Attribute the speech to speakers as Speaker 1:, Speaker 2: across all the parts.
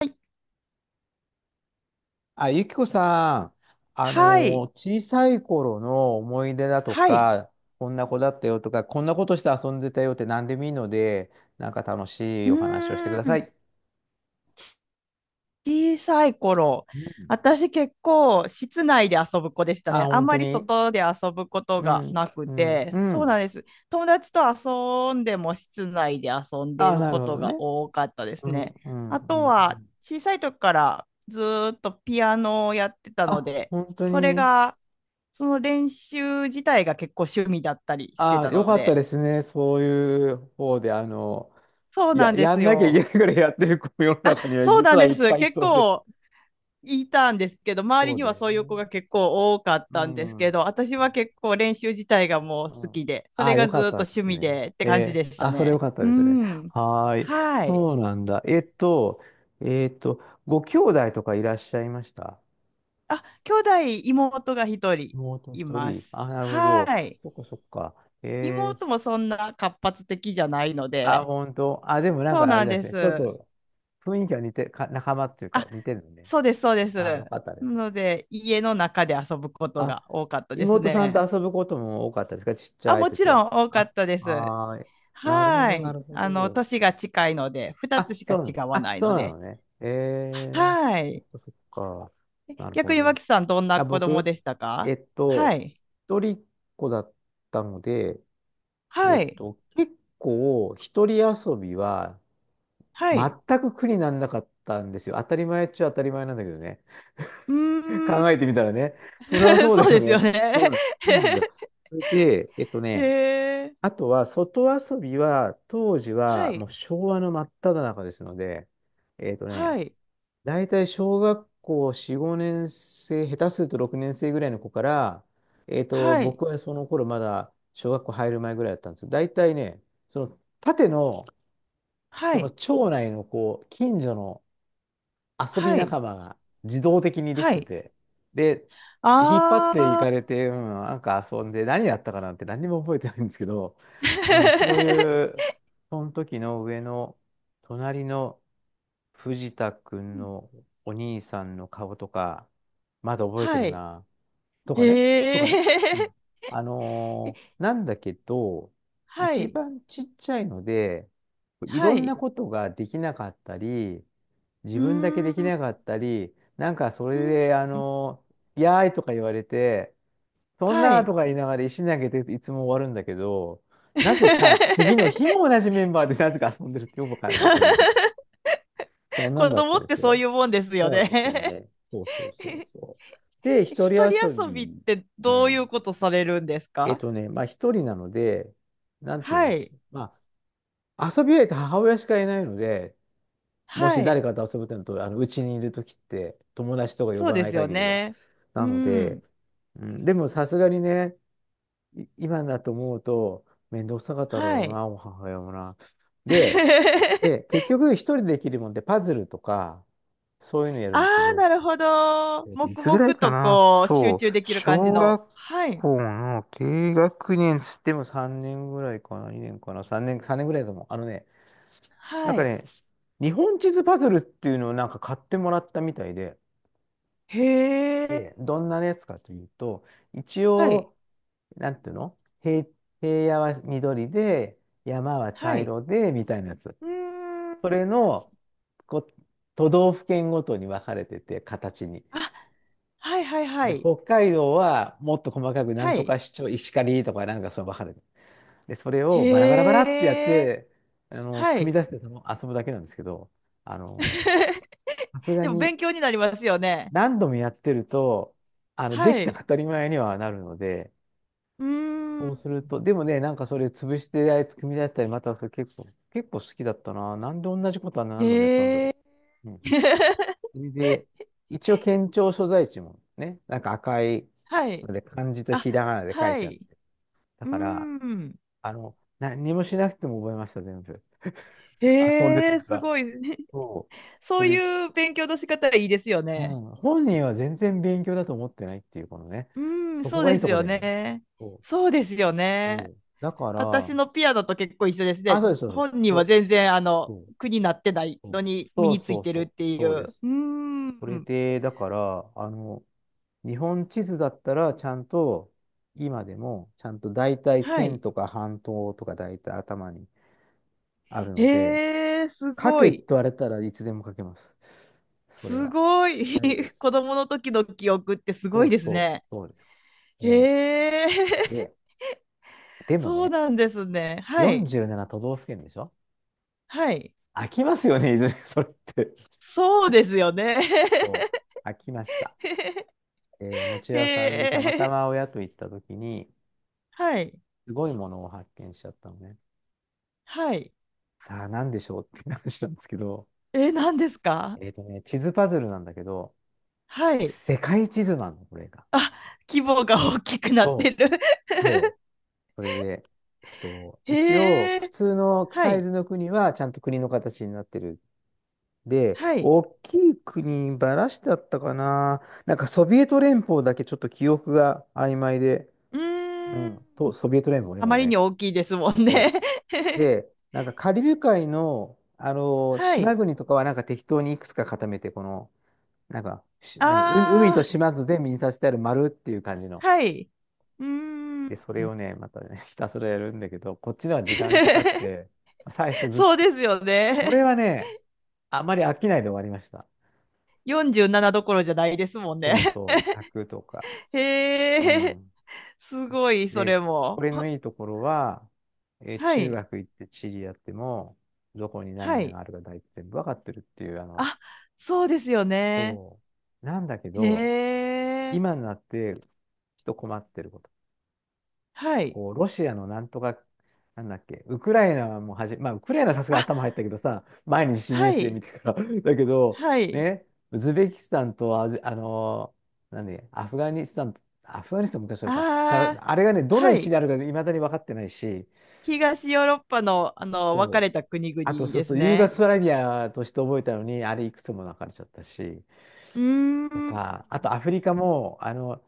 Speaker 1: い
Speaker 2: あ、ゆきこさん、あの
Speaker 1: はい。
Speaker 2: ー小さい頃の思い出だと
Speaker 1: はい。
Speaker 2: か、こんな子だったよとか、こんなことして遊んでたよって何でもいいので、なんか楽しい
Speaker 1: う
Speaker 2: お話をしてく
Speaker 1: ー
Speaker 2: ださ
Speaker 1: ん。
Speaker 2: い。
Speaker 1: 小さい頃。
Speaker 2: うん。
Speaker 1: 私結構室内で遊ぶ子でした
Speaker 2: あ、
Speaker 1: ね。あん
Speaker 2: 本当
Speaker 1: まり
Speaker 2: に。
Speaker 1: 外で遊ぶこと
Speaker 2: う
Speaker 1: が
Speaker 2: ん、
Speaker 1: なく
Speaker 2: うん、う
Speaker 1: て。そうな
Speaker 2: ん。
Speaker 1: んです。友達と遊んでも室内で遊んで
Speaker 2: あ、
Speaker 1: る
Speaker 2: なる
Speaker 1: こ
Speaker 2: ほ
Speaker 1: と
Speaker 2: どね。
Speaker 1: が多かったです
Speaker 2: うん、
Speaker 1: ね。
Speaker 2: うん、
Speaker 1: あ
Speaker 2: う
Speaker 1: と
Speaker 2: ん。う
Speaker 1: は
Speaker 2: ん。
Speaker 1: 小さい時からずーっとピアノをやってたの
Speaker 2: あ、
Speaker 1: で、
Speaker 2: 本当
Speaker 1: それ
Speaker 2: に。
Speaker 1: が、その練習自体が結構趣味だったりして
Speaker 2: あ、
Speaker 1: た
Speaker 2: よ
Speaker 1: の
Speaker 2: かった
Speaker 1: で。
Speaker 2: ですね。そういう方で、
Speaker 1: そう
Speaker 2: い
Speaker 1: な
Speaker 2: や、
Speaker 1: んで
Speaker 2: や
Speaker 1: す
Speaker 2: んなきゃいけ
Speaker 1: よ。
Speaker 2: ないからやってる子も世の中には
Speaker 1: そう
Speaker 2: 実
Speaker 1: なん
Speaker 2: は
Speaker 1: で
Speaker 2: いっ
Speaker 1: す。
Speaker 2: ぱいい
Speaker 1: 結
Speaker 2: そうで。
Speaker 1: 構いたんですけど、周り
Speaker 2: そう
Speaker 1: に
Speaker 2: だ
Speaker 1: は
Speaker 2: よ
Speaker 1: そういう
Speaker 2: ね。
Speaker 1: 子が結構多かっ
Speaker 2: う
Speaker 1: たんですけ
Speaker 2: ん。
Speaker 1: ど、私は結構練習自体がもう
Speaker 2: う
Speaker 1: 好
Speaker 2: ん。
Speaker 1: きで、そ
Speaker 2: あ
Speaker 1: れ
Speaker 2: あ、よ
Speaker 1: がず
Speaker 2: かっ
Speaker 1: っと
Speaker 2: たで
Speaker 1: 趣
Speaker 2: す
Speaker 1: 味
Speaker 2: ね。
Speaker 1: でって感じでした
Speaker 2: あ、それよ
Speaker 1: ね。
Speaker 2: かった
Speaker 1: う
Speaker 2: ですね。
Speaker 1: ん。
Speaker 2: はーい。
Speaker 1: はい。
Speaker 2: そうなんだ。えっと、ご兄弟とかいらっしゃいました？
Speaker 1: あ、兄弟、妹が一人
Speaker 2: 妹
Speaker 1: い
Speaker 2: 一
Speaker 1: ま
Speaker 2: 人。
Speaker 1: す。
Speaker 2: あ、なるほど。
Speaker 1: はい。
Speaker 2: そっかそっか。え
Speaker 1: 妹
Speaker 2: ー、
Speaker 1: もそんな活発的じゃないの
Speaker 2: あ、
Speaker 1: で、
Speaker 2: 本当。あ、でもなん
Speaker 1: そう
Speaker 2: かあれ
Speaker 1: なん
Speaker 2: です
Speaker 1: で
Speaker 2: ね。ちょっ
Speaker 1: す。
Speaker 2: と雰囲気は似て、か、仲間っていうか
Speaker 1: あ、
Speaker 2: 似てるのね。
Speaker 1: そうです、そうです。
Speaker 2: あ、
Speaker 1: な
Speaker 2: よかったですね。
Speaker 1: ので、家の中で遊ぶこと
Speaker 2: あ、
Speaker 1: が多かったです
Speaker 2: 妹さんと
Speaker 1: ね。
Speaker 2: 遊ぶことも多かったですか？ちっち
Speaker 1: あ、
Speaker 2: ゃい
Speaker 1: もち
Speaker 2: 時は。
Speaker 1: ろん多か
Speaker 2: あ、
Speaker 1: ったです。
Speaker 2: はーい。なるほ
Speaker 1: は
Speaker 2: ど、な
Speaker 1: い。
Speaker 2: るほ
Speaker 1: あの、
Speaker 2: ど。
Speaker 1: 年が近いので、二つ
Speaker 2: あ、
Speaker 1: し
Speaker 2: そ
Speaker 1: か
Speaker 2: うな
Speaker 1: 違
Speaker 2: の、
Speaker 1: わ
Speaker 2: あ、
Speaker 1: ない
Speaker 2: そ
Speaker 1: の
Speaker 2: うな
Speaker 1: で。
Speaker 2: のね。ええ。
Speaker 1: は
Speaker 2: そっ
Speaker 1: い。
Speaker 2: かそっか。なる
Speaker 1: 逆
Speaker 2: ほ
Speaker 1: に
Speaker 2: ど。
Speaker 1: 脇さん、どんな
Speaker 2: あ、
Speaker 1: 子供
Speaker 2: 僕、
Speaker 1: でした
Speaker 2: え
Speaker 1: か？
Speaker 2: っ
Speaker 1: は
Speaker 2: と、
Speaker 1: い。
Speaker 2: 一人っ子だったので、
Speaker 1: はい。
Speaker 2: 結構、一人遊びは
Speaker 1: は
Speaker 2: 全
Speaker 1: い。
Speaker 2: く苦にならなかったんですよ。当たり前っちゃ当たり前なんだけどね。
Speaker 1: う ーん。
Speaker 2: 考えてみたらね。それは そうだ
Speaker 1: そう
Speaker 2: よ
Speaker 1: で
Speaker 2: ね。
Speaker 1: すよね。
Speaker 2: うん。そうなんだ。 それで、
Speaker 1: へえ。
Speaker 2: あとは、外遊びは、当時
Speaker 1: は
Speaker 2: は、も
Speaker 1: い。
Speaker 2: う昭和の真っ只中ですので、えっとね、
Speaker 1: はい。
Speaker 2: 大体小学校4、5年生、下手すると6年生ぐらいの子から、
Speaker 1: はい。
Speaker 2: 僕はその頃まだ小学校入る前ぐらいだったんですけど、大体ね、その縦の、
Speaker 1: は
Speaker 2: その
Speaker 1: い。
Speaker 2: 町内のこう、近所の遊び
Speaker 1: はい。
Speaker 2: 仲間が自動的にでき
Speaker 1: は
Speaker 2: て
Speaker 1: い。
Speaker 2: て、で、引っ張ってい
Speaker 1: ああ、
Speaker 2: か れて、うん、なんか遊んで、何やったかなんて何にも覚えてないんですけど、うん、そういう、その時の上の、隣の、藤田く
Speaker 1: う
Speaker 2: ん
Speaker 1: ん、
Speaker 2: のお兄さんの顔とか、まだ覚えて
Speaker 1: は
Speaker 2: る
Speaker 1: い。
Speaker 2: な。とかね。と
Speaker 1: へ
Speaker 2: かね。う
Speaker 1: え。
Speaker 2: ん。 なんだけど、
Speaker 1: は
Speaker 2: 一
Speaker 1: い。
Speaker 2: 番ちっちゃいので、い
Speaker 1: は
Speaker 2: ろんな
Speaker 1: い。
Speaker 2: ことができなかったり、
Speaker 1: う
Speaker 2: 自分だけで
Speaker 1: ー
Speaker 2: きな
Speaker 1: ん。
Speaker 2: かったり、なんかそ
Speaker 1: う
Speaker 2: れで、
Speaker 1: ん、
Speaker 2: やーいとか言われて、そん
Speaker 1: は
Speaker 2: なーと
Speaker 1: い。
Speaker 2: か言いながら石投げていつも終わるんだけど、なぜか次の日 も同じメンバーでなぜか遊んでるってよくわかんない、そういう世界。そんな
Speaker 1: 子
Speaker 2: んだった
Speaker 1: 供っ
Speaker 2: で
Speaker 1: て
Speaker 2: す
Speaker 1: そう
Speaker 2: よ。
Speaker 1: いうもんですよ
Speaker 2: そうですよ
Speaker 1: ね？
Speaker 2: ね。そうそうそう そう。で、一人
Speaker 1: 一人
Speaker 2: 遊
Speaker 1: 遊びっ
Speaker 2: び。
Speaker 1: て
Speaker 2: う
Speaker 1: どういう
Speaker 2: ん。
Speaker 1: ことされるんですか？
Speaker 2: まあ一人なので、なんていうの、
Speaker 1: はい。
Speaker 2: まあ遊び相手母親しかいないので、も
Speaker 1: は
Speaker 2: し誰
Speaker 1: い。
Speaker 2: かと遊ぶってのと、うちにいるときって、友達とか呼
Speaker 1: そう
Speaker 2: ば
Speaker 1: で
Speaker 2: ない
Speaker 1: すよ
Speaker 2: 限りは。
Speaker 1: ね。
Speaker 2: な
Speaker 1: う
Speaker 2: ので、
Speaker 1: ん。
Speaker 2: うん、でもさすがにね、い今だと思うと、面倒くさかった
Speaker 1: は
Speaker 2: ろう
Speaker 1: い。
Speaker 2: な、お母親もな。で、結局一人でできるもんで、パズルとか、そういうのやる
Speaker 1: あ
Speaker 2: んですけ
Speaker 1: あ、
Speaker 2: ど、
Speaker 1: なるほど。
Speaker 2: い
Speaker 1: 黙
Speaker 2: つぐらい
Speaker 1: 々
Speaker 2: か
Speaker 1: と
Speaker 2: な？
Speaker 1: こう、集
Speaker 2: そう。
Speaker 1: 中できる感じ
Speaker 2: 小
Speaker 1: の。
Speaker 2: 学
Speaker 1: はい。
Speaker 2: 校の低学年つっても3年ぐらいかな？ 2 年かな？ 3 年、3年ぐらいだと思う。あのね、なん
Speaker 1: は
Speaker 2: か
Speaker 1: い。
Speaker 2: ね、日本地図パズルっていうのをなんか買ってもらったみたいで、
Speaker 1: へえ。
Speaker 2: で、どんなやつかというと、一
Speaker 1: はい。
Speaker 2: 応、なんていうの、平、平野は緑で、山は
Speaker 1: は
Speaker 2: 茶
Speaker 1: い。
Speaker 2: 色で、みたいなやつ。
Speaker 1: うーん。
Speaker 2: それの、こう、都道府県ごとに分かれてて、形に。
Speaker 1: あ、はいはいは
Speaker 2: で、
Speaker 1: い。
Speaker 2: 北海道はもっと細かく、なん
Speaker 1: は
Speaker 2: と
Speaker 1: い。
Speaker 2: か市長、石狩とかなんかそう分かる。で、それをバラバラバラ
Speaker 1: へ
Speaker 2: ってやっ
Speaker 1: え。
Speaker 2: て、
Speaker 1: は
Speaker 2: 組み
Speaker 1: い。
Speaker 2: 出してその遊ぶだけなんですけど、あの、さすが
Speaker 1: でも
Speaker 2: に
Speaker 1: 勉強になりますよね。
Speaker 2: 何度もやってると、で
Speaker 1: は
Speaker 2: きた
Speaker 1: い。
Speaker 2: 当たり前にはなるので、
Speaker 1: うー
Speaker 2: そ
Speaker 1: ん。
Speaker 2: うすると、でもね、なんかそれ潰してあいつ組み出したり、またそれ結構、結構好きだったな。なんで同じことは何度もやったんだ
Speaker 1: へ
Speaker 2: ろ
Speaker 1: え。
Speaker 2: う。うん。そ れで、一応県庁所在地もね、なんか赤い
Speaker 1: はい。
Speaker 2: ので、漢字と
Speaker 1: あ、
Speaker 2: ひらがなで書い
Speaker 1: は
Speaker 2: てあっ
Speaker 1: い。
Speaker 2: て、だ
Speaker 1: うー
Speaker 2: から、
Speaker 1: ん。
Speaker 2: 何もしなくても覚えました、全部。遊んでた
Speaker 1: へえ、
Speaker 2: か
Speaker 1: す
Speaker 2: ら。
Speaker 1: ごい。
Speaker 2: そう。そ
Speaker 1: そう
Speaker 2: れ、
Speaker 1: いう勉強の仕方いいですよ
Speaker 2: う
Speaker 1: ね。
Speaker 2: ん。本人は全然勉強だと思ってないっていう、このね。
Speaker 1: うーん、
Speaker 2: そこ
Speaker 1: そう
Speaker 2: がい
Speaker 1: で
Speaker 2: い
Speaker 1: す
Speaker 2: とこだ
Speaker 1: よ
Speaker 2: よね。
Speaker 1: ね。
Speaker 2: そう。
Speaker 1: そうですよね。
Speaker 2: そう。だから、
Speaker 1: 私のピアノと結構一緒です
Speaker 2: あ、
Speaker 1: ね。
Speaker 2: そうです、そう
Speaker 1: 本人
Speaker 2: そ
Speaker 1: は
Speaker 2: う。
Speaker 1: 全然、あの、苦になってないのに身
Speaker 2: そう
Speaker 1: につ
Speaker 2: そ
Speaker 1: い
Speaker 2: う
Speaker 1: て
Speaker 2: そ
Speaker 1: る
Speaker 2: うそう
Speaker 1: っ
Speaker 2: そう。
Speaker 1: てい
Speaker 2: そうで
Speaker 1: う。
Speaker 2: す。
Speaker 1: うー
Speaker 2: それ
Speaker 1: ん。
Speaker 2: で、だから、日本地図だったら、ちゃんと、今でも、ちゃんと大体
Speaker 1: は
Speaker 2: 県
Speaker 1: い。
Speaker 2: とか半島とか大体頭にあるので、
Speaker 1: へえ、す
Speaker 2: 書
Speaker 1: ご
Speaker 2: けって
Speaker 1: い。
Speaker 2: 言われたらいつでも書けます。それ
Speaker 1: す
Speaker 2: は。
Speaker 1: ごい。
Speaker 2: 大丈夫で す。
Speaker 1: 子供の時の記憶ってす
Speaker 2: そ
Speaker 1: ご
Speaker 2: う
Speaker 1: いです
Speaker 2: そ
Speaker 1: ね。
Speaker 2: う、そうです。ね。
Speaker 1: へえ、
Speaker 2: で、でも
Speaker 1: そう
Speaker 2: ね、
Speaker 1: なんですね。はい。
Speaker 2: 47都道府県でしょ？
Speaker 1: はい。
Speaker 2: 飽きますよね、いずれ それって。
Speaker 1: そうですよね。
Speaker 2: そう、飽きました。お餅
Speaker 1: へ
Speaker 2: 屋さんにたまた
Speaker 1: え、
Speaker 2: ま親と行った時に、
Speaker 1: はい。
Speaker 2: すごいものを発見しちゃったのね。
Speaker 1: はい。
Speaker 2: さあ、なんでしょうって話なんですけど、
Speaker 1: え、何ですか？
Speaker 2: 地図パズルなんだけど、
Speaker 1: はい。
Speaker 2: 世界地図なの、これが。
Speaker 1: あ、規模が大きくなって
Speaker 2: そ
Speaker 1: る。
Speaker 2: う、そそれで、一応、
Speaker 1: へ
Speaker 2: 普
Speaker 1: え、
Speaker 2: 通の
Speaker 1: は
Speaker 2: サイ
Speaker 1: い。
Speaker 2: ズの国はちゃんと国の形になってる。で、
Speaker 1: はい。
Speaker 2: 大きい国、バラシだったかな。なんかソビエト連邦だけちょっと記憶が曖昧で、
Speaker 1: う
Speaker 2: う
Speaker 1: ーん。
Speaker 2: ん、と、ソビエト連邦ね、
Speaker 1: あ
Speaker 2: 今
Speaker 1: ま
Speaker 2: だ
Speaker 1: り
Speaker 2: ね。
Speaker 1: に大きいですもん
Speaker 2: そ
Speaker 1: ね。
Speaker 2: う で、なんかカリブ海の、
Speaker 1: は
Speaker 2: 島
Speaker 1: い。
Speaker 2: 国とかはなんか適当にいくつか固めて、この、なんか、しなんか海海と
Speaker 1: あ
Speaker 2: 島津全部にさせてある丸っていう感じの。
Speaker 1: あ、はい。うー
Speaker 2: で、それ
Speaker 1: ん。
Speaker 2: をね、またね、ひたすらやるんだけど、こっちでは時間かかっ て、最初ずっと、
Speaker 1: そうですよ
Speaker 2: こ
Speaker 1: ね。
Speaker 2: れはね、あまり飽きないで終わりました。
Speaker 1: 47どころじゃないですもん
Speaker 2: そう
Speaker 1: ね。
Speaker 2: そう、1 0とか。う
Speaker 1: へえ、
Speaker 2: ん。
Speaker 1: すごい、そ
Speaker 2: で、
Speaker 1: れ
Speaker 2: こ
Speaker 1: も。
Speaker 2: れのいいところは、
Speaker 1: は
Speaker 2: 中
Speaker 1: い、
Speaker 2: 学行って地理やっても、どこに
Speaker 1: は
Speaker 2: 何が
Speaker 1: い。
Speaker 2: あるか大体全部わかってるっていう、
Speaker 1: あ、そうですよね。
Speaker 2: そう。なんだけど、
Speaker 1: へえ、
Speaker 2: 今になって、ちょっと困ってること。
Speaker 1: はい。
Speaker 2: こう、ロシアのなんとか、なんだっけ、ウクライナはもはじ、まあ、ウクライナはさすがに
Speaker 1: あ、
Speaker 2: 頭入ったけどさ、毎日ニュー
Speaker 1: は
Speaker 2: スで見
Speaker 1: い、
Speaker 2: てから だけど、
Speaker 1: はい。
Speaker 2: ね、ウズベキスタンとアジ、なんで、アフガニスタン、アフガニスタン昔あるか、た、
Speaker 1: ああ、
Speaker 2: あれがね、どの位
Speaker 1: は
Speaker 2: 置に
Speaker 1: い。
Speaker 2: あるかいまだに分かってないし、
Speaker 1: 東ヨーロッパの、あの、分
Speaker 2: そ
Speaker 1: か
Speaker 2: う。
Speaker 1: れた国々
Speaker 2: あと、そう
Speaker 1: で
Speaker 2: す
Speaker 1: す
Speaker 2: ると、ユーゴ
Speaker 1: ね。
Speaker 2: スラビアとして覚えたのに、あれいくつも分かれちゃったし、
Speaker 1: うー
Speaker 2: と
Speaker 1: ん。
Speaker 2: か、あとアフリカも、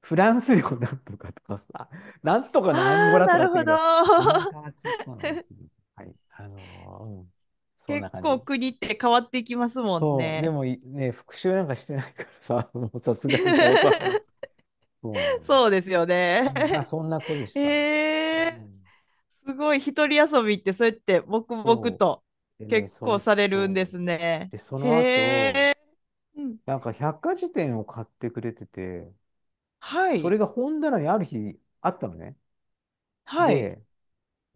Speaker 2: フランス領なんとかとかさ、なんとか
Speaker 1: あ
Speaker 2: のアンゴ
Speaker 1: あ、
Speaker 2: ラと
Speaker 1: な
Speaker 2: かあっ
Speaker 1: る
Speaker 2: た
Speaker 1: ほ
Speaker 2: け
Speaker 1: ど。
Speaker 2: ど、名前 変わっちゃったのにすぐ。はい。うん。そんな
Speaker 1: 結
Speaker 2: 感じ。
Speaker 1: 構国って変わっていきますもん
Speaker 2: そう。で
Speaker 1: ね。
Speaker 2: もい、ね、復習なんかしてないからさ、もうさすがにさ、大人になっ、 そうなのよ。
Speaker 1: そうですよ
Speaker 2: う
Speaker 1: ね。
Speaker 2: ん、まあ、そんな子でし
Speaker 1: へ
Speaker 2: た。う
Speaker 1: え、
Speaker 2: ん。
Speaker 1: すごい。一人遊びって、そうやって黙々
Speaker 2: そ
Speaker 1: と
Speaker 2: う。でね、
Speaker 1: 結
Speaker 2: そ
Speaker 1: 構
Speaker 2: の、
Speaker 1: されるんで
Speaker 2: そう。
Speaker 1: すね。
Speaker 2: で、そ
Speaker 1: へ
Speaker 2: の後、
Speaker 1: え、うん。
Speaker 2: なんか百科事典を買ってくれてて、
Speaker 1: は
Speaker 2: それ
Speaker 1: い。
Speaker 2: が本棚にある日あったのね。
Speaker 1: はい。
Speaker 2: で、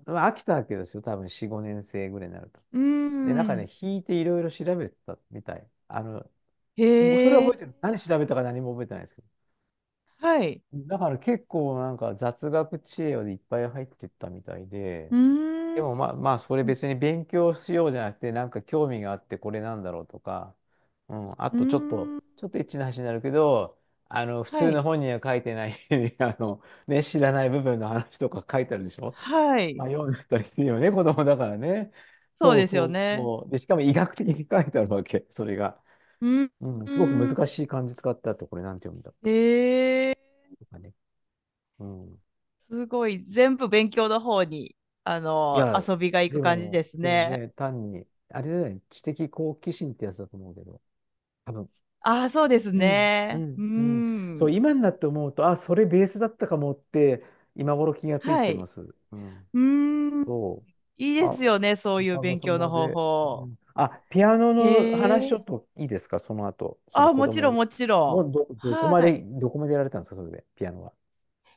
Speaker 2: まあ飽きたわけですよ。多分4、5年生ぐらいになると。
Speaker 1: うー
Speaker 2: で、なんかね、
Speaker 1: ん。
Speaker 2: 引いていろいろ調べたみたい。もうそれは
Speaker 1: へ
Speaker 2: 覚え
Speaker 1: え、
Speaker 2: てる。何調べたか何も覚えてないですけど。
Speaker 1: はい。
Speaker 2: だから結構なんか雑学知恵でいっぱい入ってったみたいで、
Speaker 1: うー
Speaker 2: で
Speaker 1: ん。
Speaker 2: もまあまあそれ別に勉強しようじゃなくて、なんか興味があってこれなんだろうとか、うん、あ
Speaker 1: うー
Speaker 2: とちょっと、
Speaker 1: ん。
Speaker 2: ちょっとエッチな話になるけど、普
Speaker 1: は
Speaker 2: 通の
Speaker 1: い。
Speaker 2: 本には書いてない ね、知らない部分の話とか書いてあるでしょ？
Speaker 1: はい。
Speaker 2: 迷うんだったりするよね、子供だからね。
Speaker 1: そう
Speaker 2: そう
Speaker 1: です
Speaker 2: そ
Speaker 1: よ
Speaker 2: う
Speaker 1: ね。
Speaker 2: そう。で、しかも医学的に書いてあるわけ、それが。
Speaker 1: うん。
Speaker 2: うん、
Speaker 1: う
Speaker 2: すごく難
Speaker 1: ん、
Speaker 2: しい漢字使ってあと、これなんて読むんだ、
Speaker 1: へえ、
Speaker 2: とかね。うん。
Speaker 1: すごい。全部勉強の方に、あ
Speaker 2: い
Speaker 1: の、
Speaker 2: や、
Speaker 1: 遊びが行く感じです
Speaker 2: でも
Speaker 1: ね。
Speaker 2: ね、単に、あれだよね、知的好奇心ってやつだと思うけど、多分。
Speaker 1: ああ、そうです
Speaker 2: うん、う
Speaker 1: ね。うー
Speaker 2: ん、うん。そう、
Speaker 1: ん。
Speaker 2: 今になって思うと、あ、それベースだったかもって、今頃気がつい
Speaker 1: は
Speaker 2: てま
Speaker 1: い。
Speaker 2: す。うん。
Speaker 1: うーん。
Speaker 2: そう。
Speaker 1: いい
Speaker 2: あ、
Speaker 1: ですよね、そういう
Speaker 2: おかげ
Speaker 1: 勉
Speaker 2: さ
Speaker 1: 強の
Speaker 2: ま
Speaker 1: 方
Speaker 2: で。う
Speaker 1: 法。
Speaker 2: ん、あ、ピアノ
Speaker 1: へ
Speaker 2: の話ちょ
Speaker 1: え。
Speaker 2: っといいですか？その後、その
Speaker 1: あ、
Speaker 2: 子
Speaker 1: もち
Speaker 2: 供
Speaker 1: ろん、
Speaker 2: の。
Speaker 1: もち
Speaker 2: も
Speaker 1: ろん。
Speaker 2: う
Speaker 1: はい。
Speaker 2: どこまでやられたんですか、それで、ピアノは。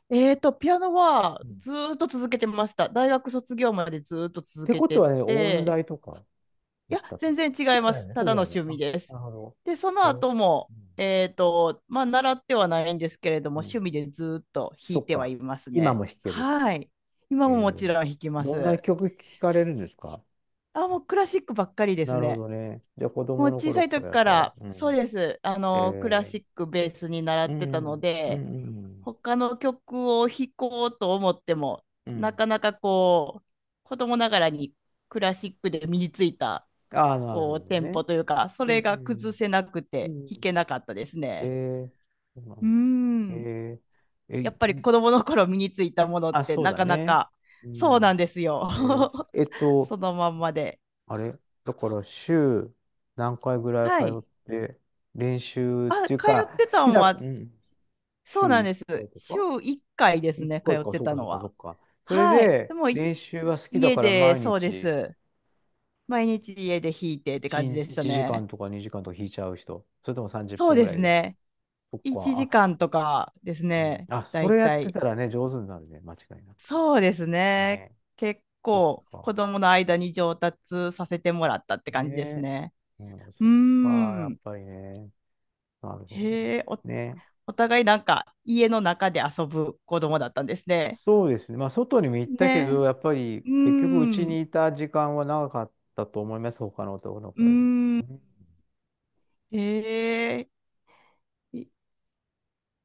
Speaker 1: ピアノは
Speaker 2: うん、っ
Speaker 1: ずーっと続けてました。大学卒業までずーっと続
Speaker 2: て
Speaker 1: け
Speaker 2: こと
Speaker 1: て
Speaker 2: はね、音
Speaker 1: て、
Speaker 2: 大とか
Speaker 1: い
Speaker 2: 行
Speaker 1: や、
Speaker 2: ったと。
Speaker 1: 全然
Speaker 2: そ
Speaker 1: 違い
Speaker 2: うじ
Speaker 1: ま
Speaker 2: ゃない
Speaker 1: す。
Speaker 2: ね、
Speaker 1: た
Speaker 2: そうじ
Speaker 1: だ
Speaker 2: ゃ
Speaker 1: の
Speaker 2: ないね。
Speaker 1: 趣
Speaker 2: あ、
Speaker 1: 味で
Speaker 2: な
Speaker 1: す。
Speaker 2: るほど。
Speaker 1: で、その
Speaker 2: えー、
Speaker 1: 後も、まあ、習ってはないんですけれども、
Speaker 2: うん、うん。
Speaker 1: 趣味でずーっと弾
Speaker 2: そ
Speaker 1: い
Speaker 2: っ
Speaker 1: ては
Speaker 2: か。
Speaker 1: います
Speaker 2: 今
Speaker 1: ね。
Speaker 2: も弾ける？
Speaker 1: はい。
Speaker 2: え
Speaker 1: 今ももちろ
Speaker 2: ー
Speaker 1: ん弾きま
Speaker 2: どんな
Speaker 1: す。
Speaker 2: 曲聴かれるんですか？
Speaker 1: あ、もうクラシックばっかりです
Speaker 2: なるほ
Speaker 1: ね。
Speaker 2: どね。じゃあ子
Speaker 1: もう
Speaker 2: 供の
Speaker 1: 小
Speaker 2: 頃
Speaker 1: さい
Speaker 2: か
Speaker 1: 時
Speaker 2: らや
Speaker 1: か
Speaker 2: から。
Speaker 1: ら、
Speaker 2: う
Speaker 1: そう
Speaker 2: ん。
Speaker 1: です。あ
Speaker 2: え
Speaker 1: の、クラシッ
Speaker 2: ー、
Speaker 1: クベースに習
Speaker 2: う
Speaker 1: ってたの
Speaker 2: ん、うん、う
Speaker 1: で、
Speaker 2: ん、うん。
Speaker 1: 他の曲を弾こうと思っても、
Speaker 2: う
Speaker 1: な
Speaker 2: ん。
Speaker 1: かなかこう、子供ながらにクラシックで身についた、
Speaker 2: ああ、なる
Speaker 1: こう、
Speaker 2: ほど
Speaker 1: テン
Speaker 2: ね。
Speaker 1: ポというか、そ
Speaker 2: う
Speaker 1: れが崩
Speaker 2: ん。
Speaker 1: せなく
Speaker 2: う
Speaker 1: て弾け
Speaker 2: ん。
Speaker 1: なかったです
Speaker 2: え
Speaker 1: ね。
Speaker 2: ー、そうな
Speaker 1: うー
Speaker 2: んだ。え
Speaker 1: ん。
Speaker 2: ー、え
Speaker 1: やっ
Speaker 2: い
Speaker 1: ぱり子供の頃身についたものっ
Speaker 2: あ、
Speaker 1: て
Speaker 2: そう
Speaker 1: な
Speaker 2: だ
Speaker 1: かな
Speaker 2: ね。
Speaker 1: か、
Speaker 2: う
Speaker 1: そうなん
Speaker 2: ん。
Speaker 1: ですよ。
Speaker 2: えー、えっ
Speaker 1: そ
Speaker 2: と、
Speaker 1: のまんまで。
Speaker 2: あれ、だから週何回ぐらい通
Speaker 1: は
Speaker 2: っ
Speaker 1: い。
Speaker 2: て、練習っ
Speaker 1: あ、
Speaker 2: ていう
Speaker 1: 通っ
Speaker 2: か、
Speaker 1: て
Speaker 2: 好
Speaker 1: た
Speaker 2: き
Speaker 1: ん
Speaker 2: だ、う
Speaker 1: は
Speaker 2: ん、
Speaker 1: そ
Speaker 2: 週
Speaker 1: うなん
Speaker 2: 1
Speaker 1: です。
Speaker 2: 回と
Speaker 1: 週
Speaker 2: か？
Speaker 1: 1回です
Speaker 2: 1
Speaker 1: ね、通
Speaker 2: 回かい
Speaker 1: っ
Speaker 2: か、
Speaker 1: て
Speaker 2: そう
Speaker 1: た
Speaker 2: か、そう
Speaker 1: の
Speaker 2: か、そう
Speaker 1: は。
Speaker 2: か。それ
Speaker 1: はい。で
Speaker 2: で、
Speaker 1: も、
Speaker 2: 練習は好きだ
Speaker 1: 家
Speaker 2: から
Speaker 1: で、
Speaker 2: 毎
Speaker 1: そうで
Speaker 2: 日
Speaker 1: す。毎日家で弾いてって
Speaker 2: 1、
Speaker 1: 感じ
Speaker 2: 一
Speaker 1: で
Speaker 2: 日
Speaker 1: した
Speaker 2: 一時
Speaker 1: ね。
Speaker 2: 間とか2時間とか引いちゃう人、それとも30
Speaker 1: そう
Speaker 2: 分ぐ
Speaker 1: で
Speaker 2: ら
Speaker 1: す
Speaker 2: いで。
Speaker 1: ね。
Speaker 2: そっ
Speaker 1: 1
Speaker 2: か、
Speaker 1: 時間とかです
Speaker 2: うん。
Speaker 1: ね、
Speaker 2: あ、
Speaker 1: だ
Speaker 2: そ
Speaker 1: い
Speaker 2: れやっ
Speaker 1: た
Speaker 2: て
Speaker 1: い。
Speaker 2: たらね、上手になるね、間違いなく。
Speaker 1: そうですね。
Speaker 2: ね。
Speaker 1: 結
Speaker 2: そっ
Speaker 1: 構、子
Speaker 2: か。
Speaker 1: 供の間に上達させてもらったって感じです
Speaker 2: ね。
Speaker 1: ね。
Speaker 2: うん、
Speaker 1: う
Speaker 2: そ
Speaker 1: ー
Speaker 2: っか、やっ
Speaker 1: ん。
Speaker 2: ぱりね。なるほど。
Speaker 1: へえ、
Speaker 2: ね。
Speaker 1: お互いなんか、家の中で遊ぶ子供だったんですね。
Speaker 2: そうですね。まあ、外にも行ったけど、
Speaker 1: ね。
Speaker 2: やっぱり
Speaker 1: うー
Speaker 2: 結局、うち
Speaker 1: ん。う
Speaker 2: にいた時間は長かったと思います、他の男の
Speaker 1: ー
Speaker 2: 子より。う
Speaker 1: ん。
Speaker 2: ん。
Speaker 1: ええい